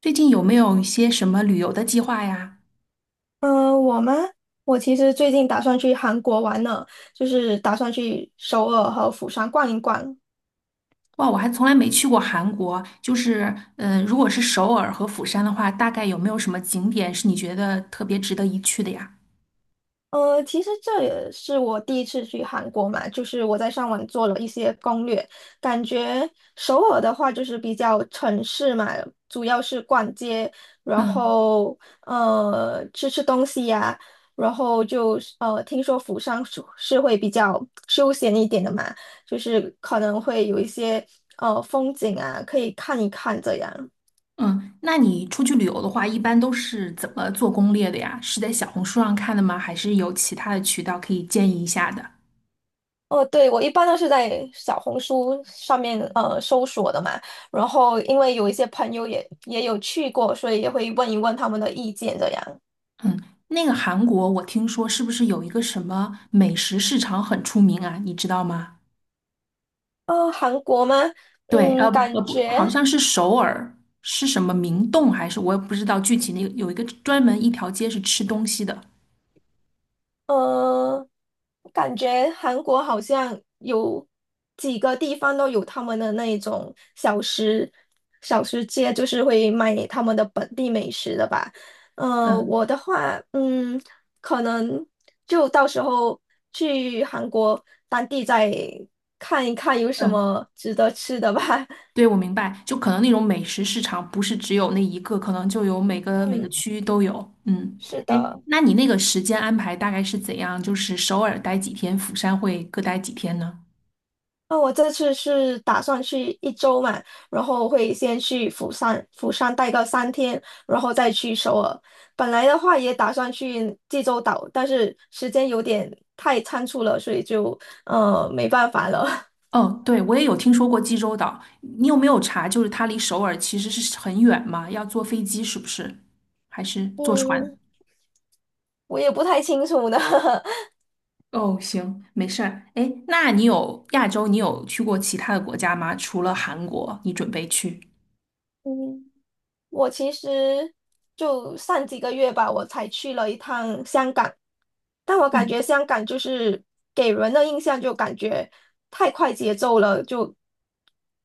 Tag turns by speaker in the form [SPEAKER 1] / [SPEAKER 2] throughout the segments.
[SPEAKER 1] 最近有没有一些什么旅游的计划呀？
[SPEAKER 2] 嗯，我吗？我其实最近打算去韩国玩呢，就是打算去首尔和釜山逛一逛。
[SPEAKER 1] 哇，我还从来没去过韩国。就是，如果是首尔和釜山的话，大概有没有什么景点是你觉得特别值得一去的呀？
[SPEAKER 2] 其实这也是我第一次去韩国嘛，就是我在上网做了一些攻略，感觉首尔的话就是比较城市嘛，主要是逛街，然
[SPEAKER 1] 嗯
[SPEAKER 2] 后吃吃东西呀、然后就是听说釜山是会比较休闲一点的嘛，就是可能会有一些风景啊可以看一看这样。
[SPEAKER 1] 嗯，那你出去旅游的话，一般都是怎么做攻略的呀？是在小红书上看的吗？还是有其他的渠道可以建议一下的？
[SPEAKER 2] 哦，对，我一般都是在小红书上面搜索的嘛，然后因为有一些朋友也有去过，所以也会问一问他们的意见这样。
[SPEAKER 1] 嗯，那个韩国，我听说是不是有一个什么美食市场很出名啊？你知道吗？
[SPEAKER 2] 韩国吗？
[SPEAKER 1] 对，呃
[SPEAKER 2] 嗯，
[SPEAKER 1] 不呃
[SPEAKER 2] 感
[SPEAKER 1] 不，
[SPEAKER 2] 觉，
[SPEAKER 1] 好像是首尔，是什么明洞还是我也不知道具体那个有一个专门一条街是吃东西的。
[SPEAKER 2] 嗯感觉韩国好像有几个地方都有他们的那一种小吃街，就是会卖他们的本地美食的吧。嗯、我
[SPEAKER 1] 嗯
[SPEAKER 2] 的话，嗯，可能就到时候去韩国当地再看一看有什
[SPEAKER 1] 嗯，
[SPEAKER 2] 么值得吃的吧。
[SPEAKER 1] 对，我明白，就可能那种美食市场不是只有那一个，可能就有每个
[SPEAKER 2] 嗯，
[SPEAKER 1] 区域都有。嗯，
[SPEAKER 2] 是
[SPEAKER 1] 哎，
[SPEAKER 2] 的。
[SPEAKER 1] 那你那个时间安排大概是怎样？就是首尔待几天，釜山会各待几天呢？
[SPEAKER 2] 那我这次是打算去一周嘛，然后会先去釜山，釜山待个三天，然后再去首尔。本来的话也打算去济州岛，但是时间有点太仓促了，所以就没办法了。
[SPEAKER 1] 哦，对，我也有听说过济州岛，你有没有查？就是它离首尔其实是很远嘛，要坐飞机是不是？还是坐船？
[SPEAKER 2] 嗯，我也不太清楚呢。
[SPEAKER 1] 哦，行，没事儿。哎，那你有亚洲，你有去过其他的国家吗？除了韩国，你准备去？
[SPEAKER 2] 嗯。我其实就上几个月吧，我才去了一趟香港，但我感觉香港就是给人的印象就感觉太快节奏了，就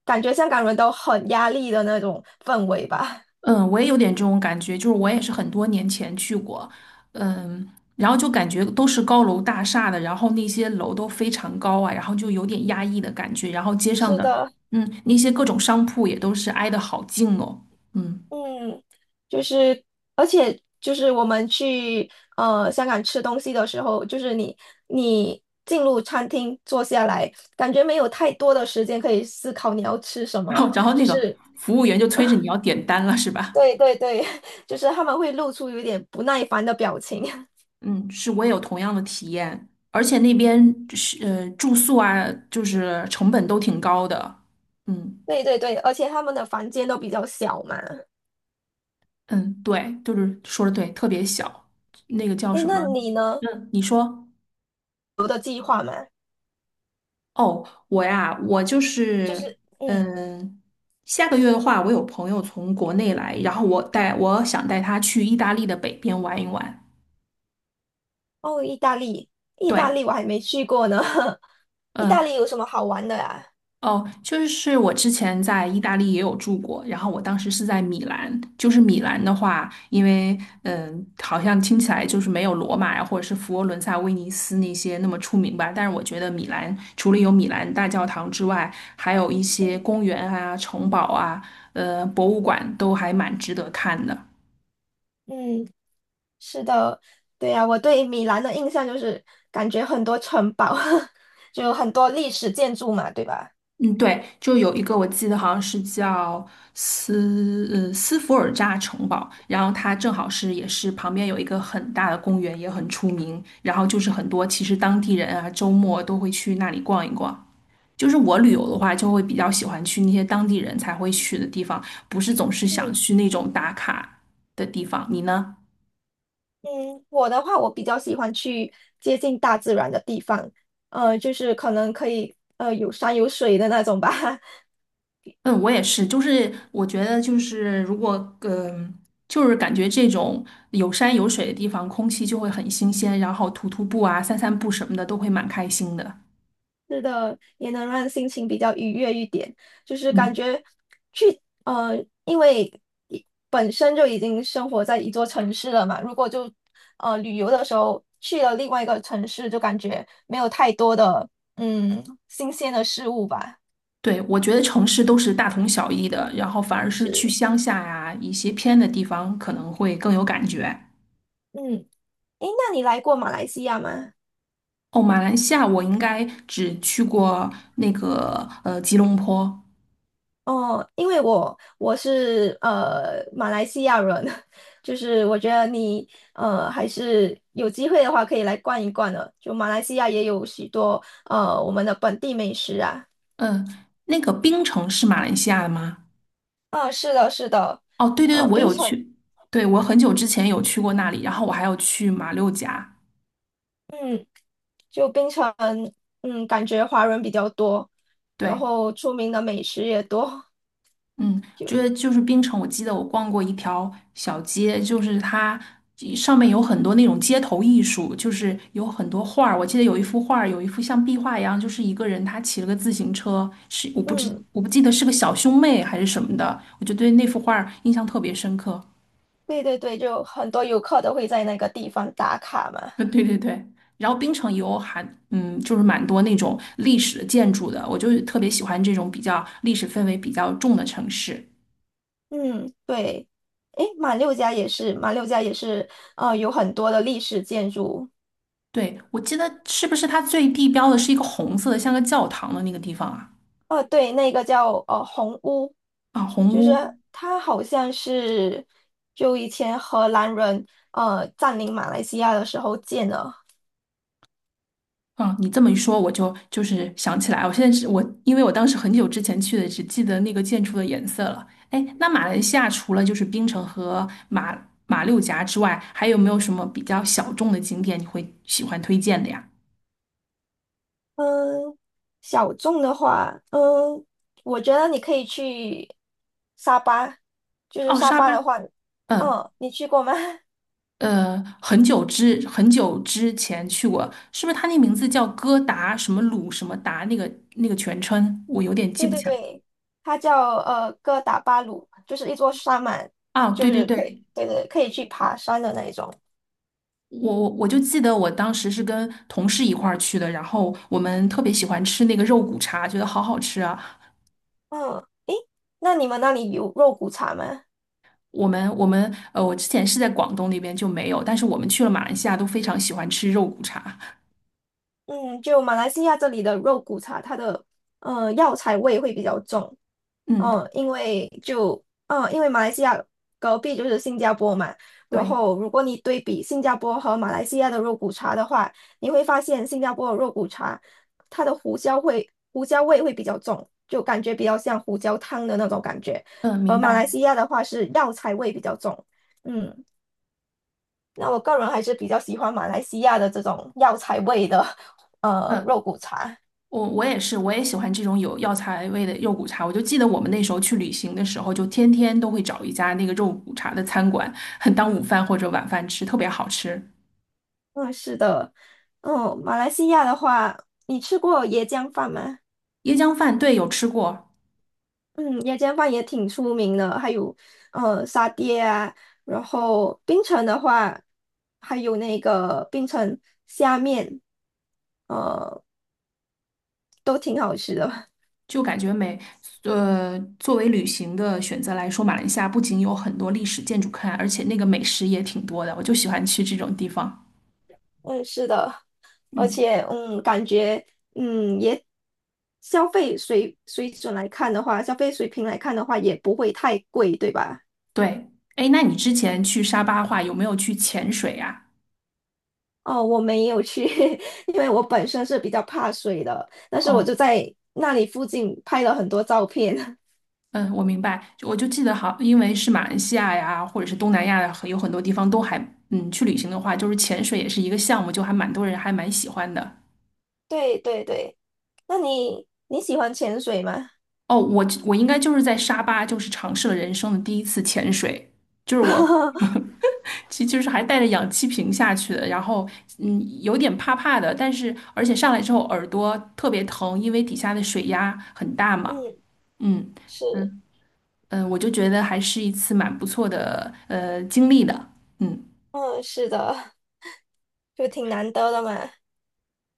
[SPEAKER 2] 感觉香港人都很压力的那种氛围吧。
[SPEAKER 1] 嗯，我也有点这种感觉，就是我也是很多年前去过，嗯，然后就感觉都是高楼大厦的，然后那些楼都非常高啊，然后就有点压抑的感觉，然后街 上
[SPEAKER 2] 是
[SPEAKER 1] 的，
[SPEAKER 2] 的，
[SPEAKER 1] 那些各种商铺也都是挨得好近哦，嗯，
[SPEAKER 2] 嗯，就是而且就是我们去香港吃东西的时候，就是你进入餐厅坐下来，感觉没有太多的时间可以思考你要吃什
[SPEAKER 1] 然
[SPEAKER 2] 么。
[SPEAKER 1] 后然后那
[SPEAKER 2] 就
[SPEAKER 1] 个
[SPEAKER 2] 是
[SPEAKER 1] 服务员就催着你要点单了，是吧？
[SPEAKER 2] 对对对，就是他们会露出有点不耐烦的表情。
[SPEAKER 1] 嗯，是我也有同样的体验，而且那边是住宿啊，就是成本都挺高的。嗯
[SPEAKER 2] 对对对，而且他们的房间都比较小嘛。
[SPEAKER 1] 嗯，对，就是说的对，特别小，那个叫
[SPEAKER 2] 诶，
[SPEAKER 1] 什
[SPEAKER 2] 那
[SPEAKER 1] 么？
[SPEAKER 2] 你呢？
[SPEAKER 1] 嗯，你说哦，我呀，我就是
[SPEAKER 2] 嗯，
[SPEAKER 1] 嗯，下个月的话，我有朋友从国内来，然后我带我想带他去意大利的北边玩一玩。
[SPEAKER 2] 哦，意大利，意大
[SPEAKER 1] 对，
[SPEAKER 2] 利我还没去过呢。意大利
[SPEAKER 1] 嗯。
[SPEAKER 2] 有什么好玩的呀？
[SPEAKER 1] 哦，就是我之前在意大利也有住过，然后我当时是在米兰。就是米兰的话，因为好像听起来就是没有罗马呀，或者是佛罗伦萨、威尼斯那些那么出名吧。但是我觉得米兰除了有米兰大教堂之外，还有一些
[SPEAKER 2] 嗯
[SPEAKER 1] 公园啊、城堡啊、博物馆都还蛮值得看的。
[SPEAKER 2] 嗯，是的，对呀，我对米兰的印象就是感觉很多城堡，就很多历史建筑嘛，对吧？
[SPEAKER 1] 嗯，对，就有一个我记得好像是叫斯福尔扎城堡，然后它正好是也是旁边有一个很大的公园，也很出名，然后就是很多其实当地人啊周末都会去那里逛一逛。就是我旅游的话，就会比较喜欢去那些当地人才会去的地方，不是总是想
[SPEAKER 2] 嗯
[SPEAKER 1] 去那种打卡的地方。你呢？
[SPEAKER 2] 嗯，我的话，我比较喜欢去接近大自然的地方，就是可能可以有山有水的那种吧。
[SPEAKER 1] 嗯，我也是，就是我觉得就是如果嗯、就是感觉这种有山有水的地方，空气就会很新鲜，然后徒步啊、散散步什么的都会蛮开心的。
[SPEAKER 2] 是的，也能让心情比较愉悦一点。就是感
[SPEAKER 1] 嗯，
[SPEAKER 2] 觉去呃，因为一本身就已经生活在一座城市了嘛，如果就旅游的时候去了另外一个城市，就感觉没有太多的新鲜的事物吧。
[SPEAKER 1] 对，我觉得城市都是大同小异的，然后反而是去
[SPEAKER 2] 是，
[SPEAKER 1] 乡下呀、一些偏的地方可能会更有感觉。
[SPEAKER 2] 嗯，诶，那你来过马来西亚吗？
[SPEAKER 1] 哦，马来西亚我应该只去过那个吉隆坡，
[SPEAKER 2] 哦，因为我是马来西亚人，就是我觉得你还是有机会的话可以来逛一逛的。就马来西亚也有许多我们的本地美食啊。
[SPEAKER 1] 嗯、那个槟城是马来西亚的吗？
[SPEAKER 2] 啊，是的，是的，
[SPEAKER 1] 哦，对对对，我
[SPEAKER 2] 槟
[SPEAKER 1] 有
[SPEAKER 2] 城，
[SPEAKER 1] 去，对，我很久之前有去过那里，然后我还有去马六甲，
[SPEAKER 2] 嗯，就槟城，嗯，感觉华人比较多，然
[SPEAKER 1] 对，
[SPEAKER 2] 后出名的美食也多，
[SPEAKER 1] 嗯，就是槟城，我记得我逛过一条小街，就是它上面有很多那种街头艺术，就是有很多画儿，我记得有一幅画儿，有一幅像壁画一样，就是一个人他骑了个自行车，是
[SPEAKER 2] 嗯，
[SPEAKER 1] 我不记得是个小兄妹还是什么的，我就对那幅画儿印象特别深刻。
[SPEAKER 2] 对对对，就很多游客都会在那个地方打卡嘛。
[SPEAKER 1] 对对对，然后槟城也有就是蛮多那种历史建筑的，我就特别喜欢这种比较历史氛围比较重的城市。
[SPEAKER 2] 嗯，对，诶，马六甲也是，马六甲也是，有很多的历史建筑。
[SPEAKER 1] 对，我记得是不是它最地标的是一个红色的，像个教堂的那个地方啊？
[SPEAKER 2] 哦，对，那个叫红屋，
[SPEAKER 1] 啊，红
[SPEAKER 2] 就是
[SPEAKER 1] 屋。
[SPEAKER 2] 它好像是就以前荷兰人占领马来西亚的时候建的。
[SPEAKER 1] 啊，你这么一说，我就是想起来，我现在是我，因为我当时很久之前去的，只记得那个建筑的颜色了。哎，那马来西亚除了就是槟城和马六甲之外，还有没有什么比较小众的景点你会喜欢推荐的呀？
[SPEAKER 2] 嗯，小众的话，嗯，我觉得你可以去沙巴，就是
[SPEAKER 1] 哦，
[SPEAKER 2] 沙
[SPEAKER 1] 沙
[SPEAKER 2] 巴
[SPEAKER 1] 巴。
[SPEAKER 2] 的话，
[SPEAKER 1] 嗯
[SPEAKER 2] 嗯，你去过吗？
[SPEAKER 1] 很久之前去过，是不是他那名字叫哥达什么鲁什么达那个全称，我有点记
[SPEAKER 2] 对
[SPEAKER 1] 不
[SPEAKER 2] 对
[SPEAKER 1] 起来
[SPEAKER 2] 对，它叫哥打巴鲁，就是一座山嘛，
[SPEAKER 1] 啊。
[SPEAKER 2] 就
[SPEAKER 1] 对对
[SPEAKER 2] 是可以，
[SPEAKER 1] 对，
[SPEAKER 2] 对对，可以去爬山的那一种。
[SPEAKER 1] 我就记得我当时是跟同事一块儿去的，然后我们特别喜欢吃那个肉骨茶，觉得好好吃啊。
[SPEAKER 2] 嗯，诶，那你们那里有肉骨茶吗？
[SPEAKER 1] 我之前是在广东那边就没有，但是我们去了马来西亚都非常喜欢吃肉骨茶。
[SPEAKER 2] 嗯，就马来西亚这里的肉骨茶，它的药材味会比较重。
[SPEAKER 1] 嗯，
[SPEAKER 2] 嗯，因为就嗯，因为马来西亚隔壁就是新加坡嘛，然
[SPEAKER 1] 对，
[SPEAKER 2] 后如果你对比新加坡和马来西亚的肉骨茶的话，你会发现新加坡的肉骨茶，它的胡椒味会比较重，就感觉比较像胡椒汤的那种感觉，
[SPEAKER 1] 嗯，
[SPEAKER 2] 而
[SPEAKER 1] 明
[SPEAKER 2] 马来
[SPEAKER 1] 白，
[SPEAKER 2] 西亚的话是药材味比较重。嗯，那我个人还是比较喜欢马来西亚的这种药材味的
[SPEAKER 1] 嗯。
[SPEAKER 2] 肉骨茶。
[SPEAKER 1] 我也是，我也喜欢这种有药材味的肉骨茶。我就记得我们那时候去旅行的时候，就天天都会找一家那个肉骨茶的餐馆，很当午饭或者晚饭吃，特别好吃。
[SPEAKER 2] 嗯，是的，嗯，马来西亚的话，你吃过椰浆饭吗？
[SPEAKER 1] 椰浆饭，对，有吃过，
[SPEAKER 2] 嗯，夜间饭也挺出名的，还有沙爹啊，然后冰城的话，还有那个冰城虾面，呃，都挺好吃的。
[SPEAKER 1] 就感觉美。作为旅行的选择来说，马来西亚不仅有很多历史建筑看，而且那个美食也挺多的。我就喜欢去这种地方。
[SPEAKER 2] 嗯，是的，而
[SPEAKER 1] 嗯，
[SPEAKER 2] 且嗯，感觉嗯也消费水准来看的话，消费水平来看的话，也不会太贵，对吧？
[SPEAKER 1] 对。哎，那你之前去沙巴话有没有去潜水啊？
[SPEAKER 2] 哦，我没有去，因为我本身是比较怕水的，但是我
[SPEAKER 1] 哦。
[SPEAKER 2] 就在那里附近拍了很多照片。
[SPEAKER 1] 嗯，我明白，就我就记得好，因为是马来西亚呀，或者是东南亚呀，有很多地方都还，嗯，去旅行的话，就是潜水也是一个项目，就还蛮多人还蛮喜欢的。
[SPEAKER 2] 对对对，那你喜欢潜水吗？
[SPEAKER 1] 哦，我应该就是在沙巴，就是尝试了人生的第一次潜水，就是我，其实就是还带着氧气瓶下去的，然后有点怕怕的，但是而且上来之后耳朵特别疼，因为底下的水压很大嘛，
[SPEAKER 2] 嗯，
[SPEAKER 1] 嗯
[SPEAKER 2] 是，
[SPEAKER 1] 嗯我就觉得还是一次蛮不错的经历的，嗯。
[SPEAKER 2] 嗯，是的，就挺难得的嘛。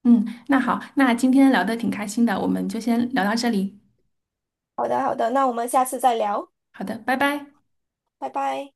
[SPEAKER 1] 嗯，那好，那今天聊的挺开心的，我们就先聊到这里。
[SPEAKER 2] 好的，好的，那我们下次再聊，
[SPEAKER 1] 好的，拜拜。
[SPEAKER 2] 拜拜。